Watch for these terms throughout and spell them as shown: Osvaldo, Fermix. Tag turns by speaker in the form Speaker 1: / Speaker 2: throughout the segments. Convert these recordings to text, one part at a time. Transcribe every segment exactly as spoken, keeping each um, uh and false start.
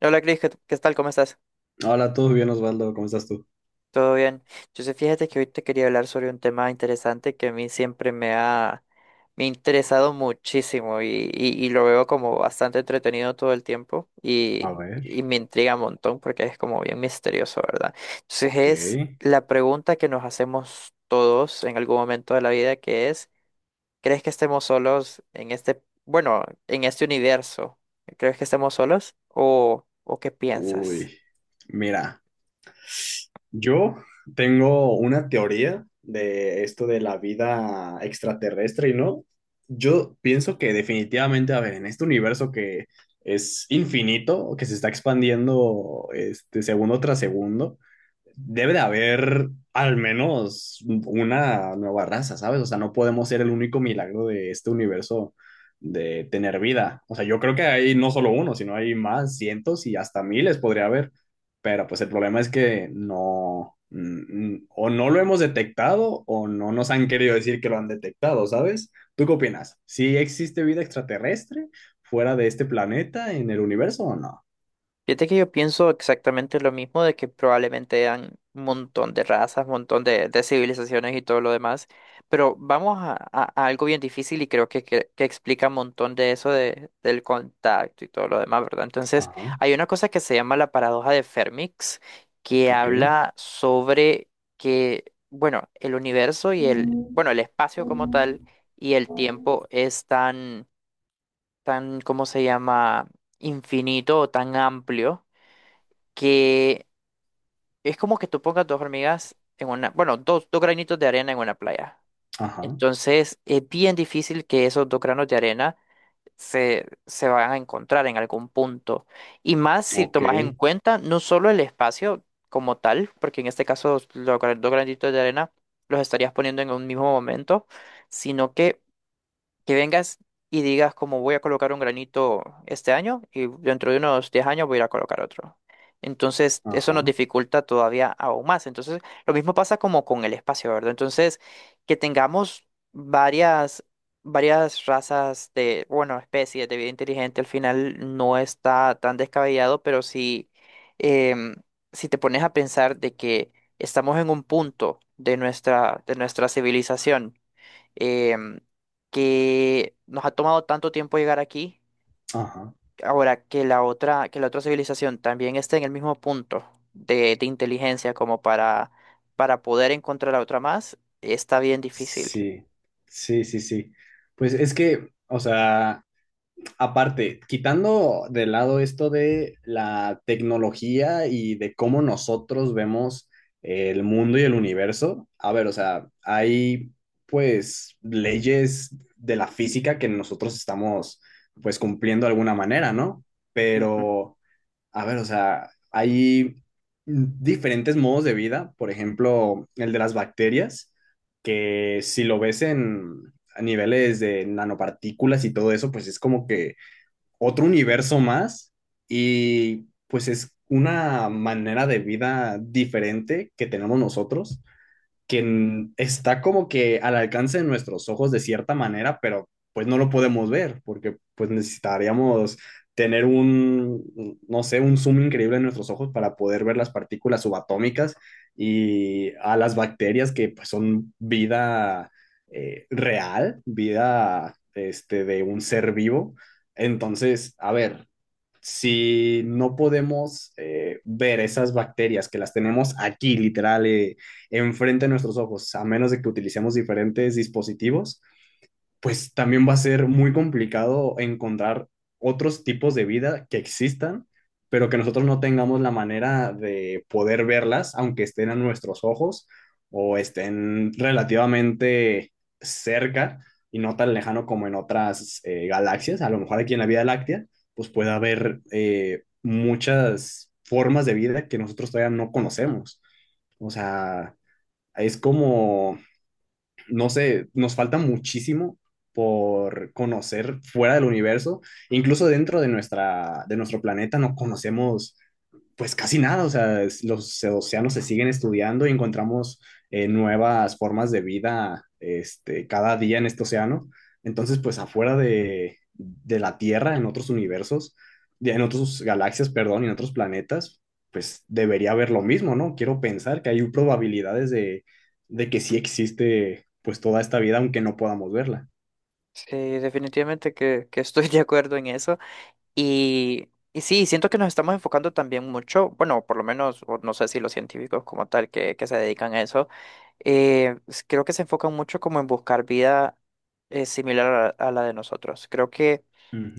Speaker 1: Hola Cris, ¿qué, qué tal? ¿Cómo estás?
Speaker 2: Hola, ¿todo bien, Osvaldo? ¿Cómo estás tú?
Speaker 1: ¿Todo bien? Yo sé, fíjate que hoy te quería hablar sobre un tema interesante que a mí siempre me ha, me ha interesado muchísimo y, y- y lo veo como bastante entretenido todo el tiempo
Speaker 2: A
Speaker 1: y,
Speaker 2: ver.
Speaker 1: y me intriga un montón porque es como bien misterioso, ¿verdad? Entonces
Speaker 2: Ok.
Speaker 1: es la pregunta que nos hacemos todos en algún momento de la vida que es, ¿crees que estemos solos en este, bueno, en este universo? ¿Crees que estemos solos o, o qué piensas?
Speaker 2: Uy, mira, yo tengo una teoría de esto de la vida extraterrestre y no. Yo pienso que definitivamente, a ver, en este universo que es infinito, que se está expandiendo este segundo tras segundo, debe de haber al menos una nueva raza, ¿sabes? O sea, no podemos ser el único milagro de este universo de tener vida. O sea, yo creo que hay no solo uno, sino hay más, cientos y hasta miles podría haber. Pero pues el problema es que no, mm, mm, o no lo hemos detectado o no nos han querido decir que lo han detectado, ¿sabes? ¿Tú qué opinas? ¿Sí existe vida extraterrestre fuera de este planeta en el universo o no?
Speaker 1: Fíjate que yo pienso exactamente lo mismo de que probablemente eran un montón de razas, un montón de, de civilizaciones y todo lo demás, pero vamos a, a- a algo bien difícil y creo que, que, que explica un montón de eso de, del contacto y todo lo demás, ¿verdad? Entonces,
Speaker 2: Ajá,
Speaker 1: hay una cosa que se llama la paradoja de Fermix, que
Speaker 2: ok.
Speaker 1: habla sobre que, bueno, el universo y el, bueno, el espacio como tal
Speaker 2: Mm.
Speaker 1: y el tiempo es tan, tan, ¿cómo se llama? Infinito o tan amplio que es como que tú pongas dos hormigas en una, bueno, dos, dos granitos de arena en una playa.
Speaker 2: Ajá,
Speaker 1: Entonces, es bien difícil que esos dos granos de arena se, se van a encontrar en algún punto. Y más si
Speaker 2: ok,
Speaker 1: tomas en cuenta no solo el espacio como tal, porque en este caso los gra- dos granitos de arena los estarías poniendo en un mismo momento, sino que que vengas y digas como voy a colocar un granito este año y dentro de unos diez años voy a ir a colocar otro. Entonces, eso nos
Speaker 2: ajá,
Speaker 1: dificulta todavía aún más. Entonces, lo mismo pasa como con el espacio, ¿verdad? Entonces, que tengamos varias, varias razas de, bueno, especies de vida inteligente al final no está tan descabellado, pero sí, em, si te pones a pensar de que estamos en un punto de nuestra, de nuestra, civilización em, que nos ha tomado tanto tiempo llegar aquí,
Speaker 2: ajá.
Speaker 1: ahora que la otra, que la otra civilización también esté en el mismo punto de, de inteligencia como para, para poder encontrar a otra más, está bien difícil.
Speaker 2: Sí, sí, sí, sí. Pues es que, o sea, aparte, quitando de lado esto de la tecnología y de cómo nosotros vemos el mundo y el universo, a ver, o sea, hay pues leyes de la física que nosotros estamos pues cumpliendo de alguna manera, ¿no?
Speaker 1: Ujú.
Speaker 2: Pero. A ver, o sea, hay diferentes modos de vida, por ejemplo, el de las bacterias, que si lo ves en a niveles de nanopartículas y todo eso, pues es como que otro universo más y pues es una manera de vida diferente que tenemos nosotros que n- está como que al alcance de nuestros ojos de cierta manera, pero pues no lo podemos ver, porque pues necesitaríamos tener un, no sé, un zoom increíble en nuestros ojos para poder ver las partículas subatómicas y a las bacterias que pues, son vida eh, real, vida este, de un ser vivo. Entonces, a ver, si no podemos eh, ver esas bacterias que las tenemos aquí, literal, eh, enfrente de nuestros ojos, a menos de que utilicemos diferentes dispositivos, pues también va a ser muy complicado encontrar otros tipos de vida que existan, pero que nosotros no tengamos la manera de poder verlas, aunque estén a nuestros ojos o estén relativamente cerca y no tan lejano como en otras eh, galaxias. A lo mejor aquí en la Vía Láctea, pues puede haber eh, muchas formas de vida que nosotros todavía no conocemos. O sea, es como no sé, nos falta muchísimo por conocer fuera del universo, incluso dentro de nuestra, de nuestro planeta no conocemos pues casi nada, o sea, es- los océanos se siguen estudiando y encontramos eh, nuevas formas de vida este, cada día en este océano. Entonces, pues afuera de, de la Tierra, en otros universos, de- en otras galaxias, perdón, y en otros planetas, pues debería haber lo mismo, ¿no? Quiero pensar que hay probabilidades de, de que sí existe pues toda esta vida, aunque no podamos verla.
Speaker 1: Sí, definitivamente que, que estoy de acuerdo en eso. Y, y sí, siento que nos estamos enfocando también mucho, bueno, por lo menos, o no sé si los científicos como tal que, que se dedican a eso, eh, s- creo que se enfocan mucho como en buscar vida eh, similar a, a la de nosotros. Creo que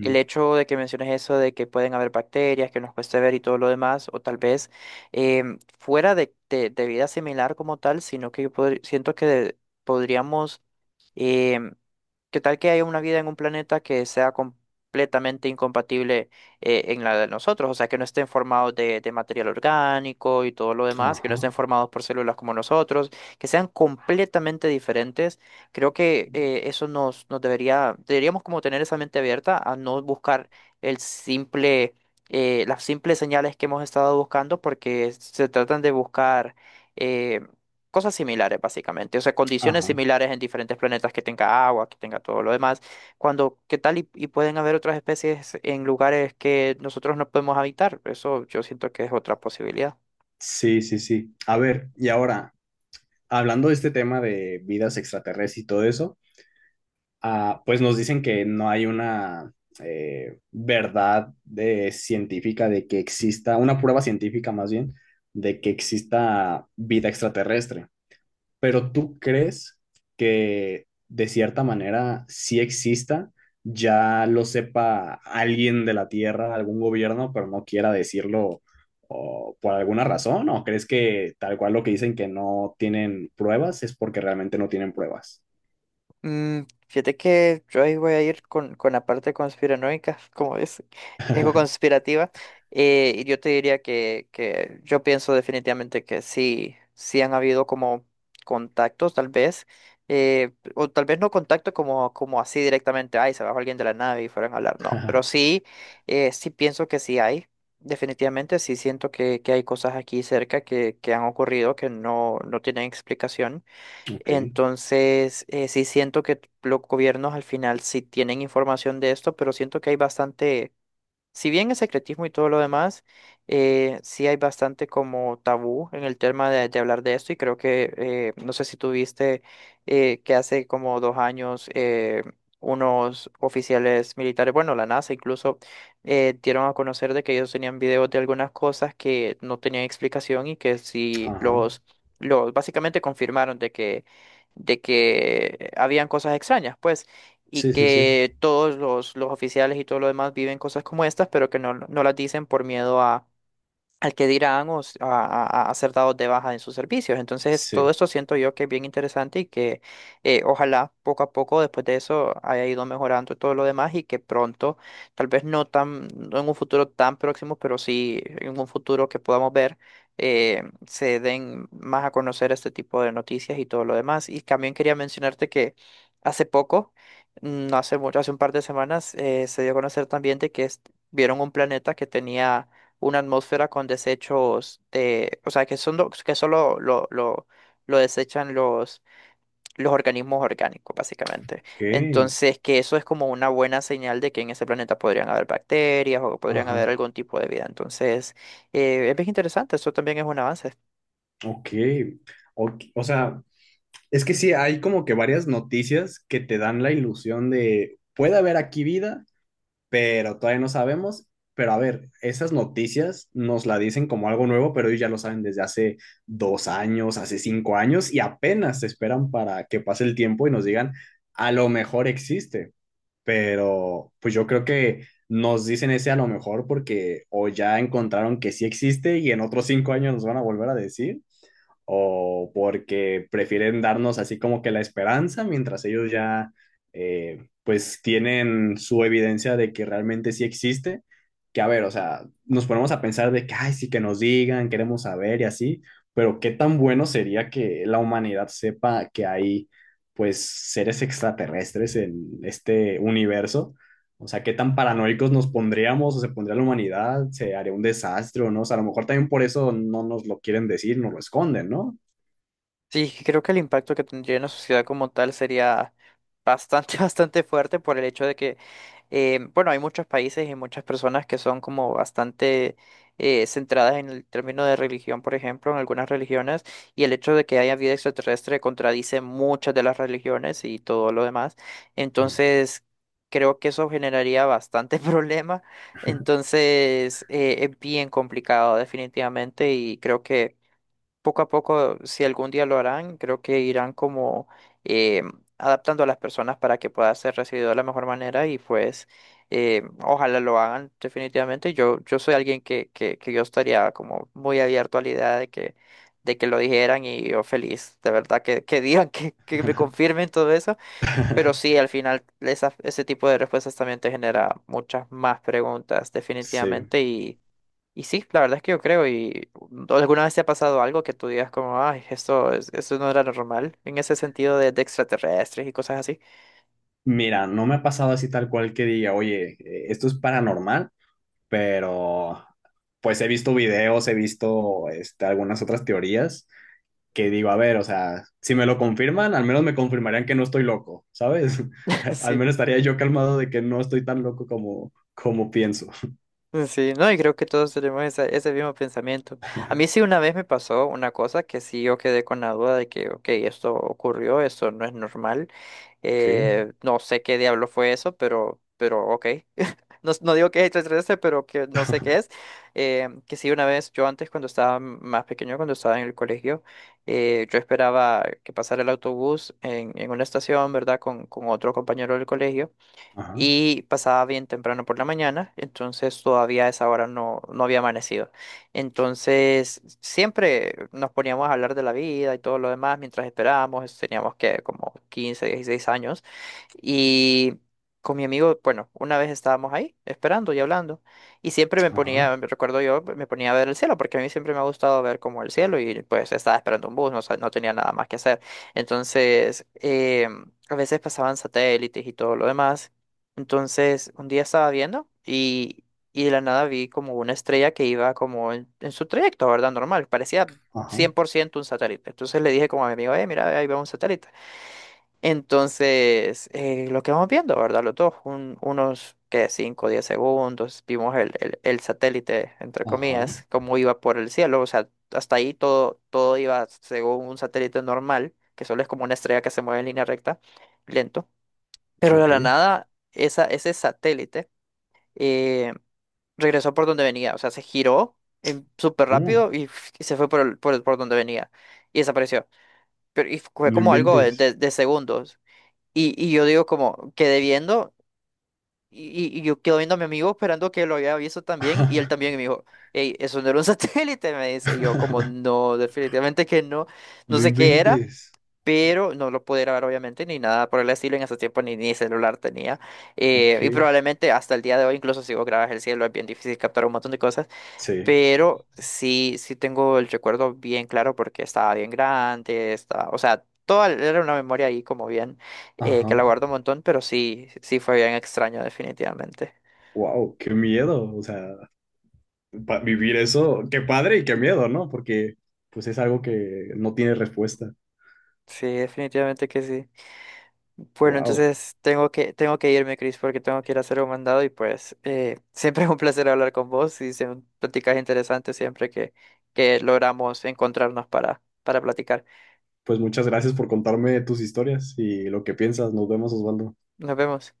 Speaker 1: el hecho de que menciones eso de que pueden haber bacterias, que nos cueste ver y todo lo demás, o tal vez em, fuera de, de, de vida similar como tal, sino que yo podr- siento que podríamos. em, ¿Qué tal que haya una vida en un planeta que sea completamente incompatible eh, en la de nosotros? O sea, que no estén formados de, de, material orgánico y todo lo demás, que no
Speaker 2: Ajá,
Speaker 1: estén formados por células como nosotros, que sean completamente diferentes. Creo que eh, eso nos, nos debería, deberíamos como tener esa mente abierta a no buscar el simple, eh, las simples señales que hemos estado buscando, porque se tratan de buscar eh, cosas similares, básicamente. O sea, condiciones
Speaker 2: ajá.
Speaker 1: similares en diferentes planetas que tenga agua, que tenga todo lo demás. Cuando, ¿qué tal? Y, y pueden haber otras especies en lugares que nosotros no podemos habitar. Eso yo siento que es otra posibilidad.
Speaker 2: Sí, sí, sí. A ver, y ahora, hablando de este tema de vidas extraterrestres y todo eso, ah, pues nos dicen que no hay una eh, verdad de, científica de que exista, una prueba científica más bien, de que exista vida extraterrestre. Pero ¿tú crees que de cierta manera sí exista? Ya lo sepa alguien de la Tierra, algún gobierno, pero no quiera decirlo o por alguna razón, ¿o crees que tal cual lo que dicen que no tienen pruebas es porque realmente no tienen pruebas?
Speaker 1: Mm, fíjate que yo ahí voy a ir con, con, la parte conspiranoica, como es, ego conspirativa. Eh, y yo te diría que, que yo pienso definitivamente que sí, sí han habido como contactos, tal vez, eh, o tal vez no contacto como, como así directamente, ay, se bajó alguien de la nave y fueron a hablar, no, pero sí, eh, sí pienso que sí hay. Definitivamente sí siento que, que hay cosas aquí cerca que, que han ocurrido que no, no tienen explicación.
Speaker 2: Ok,
Speaker 1: Entonces, eh, sí siento que los gobiernos al final sí tienen información de esto, pero siento que hay bastante si bien el secretismo y todo lo demás, eh, sí hay bastante como tabú en el tema de, de hablar de esto y creo que, eh, no sé si tuviste eh, que hace como dos años eh, unos oficiales militares, bueno, la NASA incluso, eh, dieron a conocer de que ellos tenían videos de algunas cosas que no tenían explicación y que sí
Speaker 2: ajá.
Speaker 1: los, los, básicamente confirmaron de que, de que habían cosas extrañas, pues y
Speaker 2: Sí, sí, sí.
Speaker 1: que todos los, los oficiales y todo lo demás viven cosas como estas, pero que no, no las dicen por miedo a, al que dirán o s- a, a- a ser dados de baja en sus servicios. Entonces, todo
Speaker 2: Sí.
Speaker 1: esto siento yo que es bien interesante y que eh, ojalá poco a poco después de eso haya ido mejorando todo lo demás y que pronto, tal vez no tan, no en un futuro tan próximo, pero sí en un futuro que podamos ver, eh, se den más a conocer este tipo de noticias y todo lo demás. Y también quería mencionarte que hace poco, no hace mucho, hace un par de semanas, eh, se dio a conocer también de que est- vieron un planeta que tenía una atmósfera con desechos de, o sea, que son lo- que solo lo, lo, lo desechan los, los organismos orgánicos, básicamente.
Speaker 2: Ok,
Speaker 1: Entonces, que eso es como una buena señal de que en ese planeta podrían haber bacterias o podrían haber
Speaker 2: ajá.
Speaker 1: algún tipo de vida. Entonces, eh, es bien interesante, eso también es un avance.
Speaker 2: Ok. Ok, o sea, es que sí, hay como que varias noticias que te dan la ilusión de puede haber aquí vida pero todavía no sabemos. Pero a ver, esas noticias nos la dicen como algo nuevo, pero ellos ya lo saben desde hace dos años, hace cinco años, y apenas se esperan para que pase el tiempo y nos digan, a lo mejor existe, pero pues yo creo que nos dicen ese a lo mejor porque o ya encontraron que sí existe y en otros cinco años nos van a volver a decir, o porque prefieren darnos así como que la esperanza mientras ellos ya eh, pues tienen su evidencia de que realmente sí existe. Que a ver, o sea, nos ponemos a pensar de que, ay, sí que nos digan, queremos saber y así, pero qué tan bueno sería que la humanidad sepa que hay pues seres extraterrestres en este universo, o sea, qué tan paranoicos nos pondríamos o se pondría la humanidad, se haría un desastre o no. O sea, a lo mejor también por eso no nos lo quieren decir, nos lo esconden, ¿no?
Speaker 1: Sí, creo que el impacto que tendría en la sociedad como tal sería bastante, bastante fuerte por el hecho de que Eh, bueno, hay muchos países y muchas personas que son como bastante eh, centradas en el término de religión, por ejemplo, en algunas religiones, y el hecho de que haya vida extraterrestre contradice muchas de las religiones y todo lo demás.
Speaker 2: Mm.
Speaker 1: Entonces, creo que eso generaría bastante problema. Entonces, eh, es bien complicado definitivamente y creo que poco a poco, si algún día lo harán, creo que irán como eh, adaptando a las personas para que pueda ser recibido de la mejor manera y pues eh, ojalá lo hagan definitivamente. Yo, yo soy alguien que, que, que, yo estaría como muy abierto a la idea de que, de que lo dijeran y yo feliz, de verdad, que, que digan, que, que me confirmen todo eso. Pero sí, al final esa- ese tipo de respuestas también te genera muchas más preguntas
Speaker 2: Sí.
Speaker 1: definitivamente y sí, la verdad es que yo creo, y alguna vez te ha pasado algo que tú digas como, ay, esto, es- esto no era normal, en ese sentido de, de extraterrestres y cosas así.
Speaker 2: Mira, no me ha pasado así tal cual que diga, oye, eh, esto es paranormal, pero pues he visto videos, he visto este, algunas otras teorías que digo, a ver, o sea, si me lo confirman, al menos me confirmarían que no estoy loco, ¿sabes? Al
Speaker 1: Sí,
Speaker 2: menos estaría yo calmado de que no estoy tan loco como, como pienso.
Speaker 1: sí, no, y creo que todos tenemos esa- ese mismo pensamiento. A mí sí una vez me pasó una cosa que sí yo quedé con la duda de que, ok, esto ocurrió, esto no es normal,
Speaker 2: ¿Qué?
Speaker 1: eh, no sé qué diablo fue eso, pero, pero ok. No, no digo que es extraterrestre, pero que no sé qué es. Eh, que sí, una vez, yo antes cuando estaba más pequeño, cuando estaba en el colegio, eh, yo esperaba que pasara el autobús en, en, una estación, ¿verdad? Con, con otro compañero del colegio
Speaker 2: Ajá,
Speaker 1: y pasaba bien temprano por la mañana, entonces todavía a esa hora no, no había amanecido. Entonces siempre nos poníamos a hablar de la vida y todo lo demás mientras esperábamos, teníamos que como quince dieciséis años y con mi amigo, bueno, una vez estábamos ahí esperando y hablando y siempre me
Speaker 2: ajá.
Speaker 1: ponía, me recuerdo yo, me ponía a ver el cielo porque a mí siempre me ha gustado ver como el cielo y pues estaba esperando un bus, no, sa- no tenía nada más que hacer. Entonces, em, a veces pasaban satélites y todo lo demás, entonces, un día estaba viendo y, y de la nada vi como una estrella que iba como en, en, su trayecto, ¿verdad? Normal, parecía
Speaker 2: Ajá,
Speaker 1: cien por ciento un satélite. Entonces le dije como a mi amigo, eh, mira, ahí va un satélite. Entonces, eh, lo que vamos viendo, ¿verdad? Los dos, un- unos, que cinco diez segundos, vimos el, el, el satélite, entre
Speaker 2: ajá,
Speaker 1: comillas, cómo iba por el cielo. O sea, hasta ahí todo, todo iba según un satélite normal, que solo es como una estrella que se mueve en línea recta, lento. Pero de
Speaker 2: ok.
Speaker 1: la nada, esa, ese satélite eh, regresó por donde venía, o sea, se giró en- súper
Speaker 2: Oh,
Speaker 1: rápido y, f- y se fue por, el- por, el- por donde venía y desapareció. Pero y fue
Speaker 2: no
Speaker 1: como algo de,
Speaker 2: inventes.
Speaker 1: de- de segundos. Y, y yo digo como, quedé viendo y, y- y yo quedo viendo a mi amigo esperando que lo haya visto también y él también y me dijo, hey, eso no era un satélite, me dice. Y yo como, no, definitivamente que no, no
Speaker 2: No
Speaker 1: sé qué era
Speaker 2: inventes.
Speaker 1: pero no lo pude grabar obviamente ni nada por el estilo, en ese tiempo ni, ni, celular tenía eh,
Speaker 2: Ok,
Speaker 1: y probablemente hasta el día de hoy incluso si vos grabas el cielo es bien difícil captar un montón de cosas,
Speaker 2: sí.
Speaker 1: pero sí, sí tengo el recuerdo bien claro porque estaba bien grande, estaba, o sea, toda era una memoria ahí como bien eh,
Speaker 2: Ajá.
Speaker 1: que la guardo un montón, pero sí, sí fue bien extraño definitivamente.
Speaker 2: Wow, qué miedo. O sea, pa- vivir eso, qué padre y qué miedo, ¿no? Porque pues es algo que no tiene respuesta.
Speaker 1: Sí, definitivamente que sí. Bueno,
Speaker 2: Wow.
Speaker 1: entonces tengo que, tengo que, irme, Chris, porque tengo que ir a hacer un mandado y pues eh, siempre es un placer hablar con vos y son pláticas interesantes siempre que, que, logramos encontrarnos para, para platicar.
Speaker 2: Pues muchas gracias por contarme tus historias y lo que piensas. Nos vemos, Osvaldo.
Speaker 1: Nos vemos.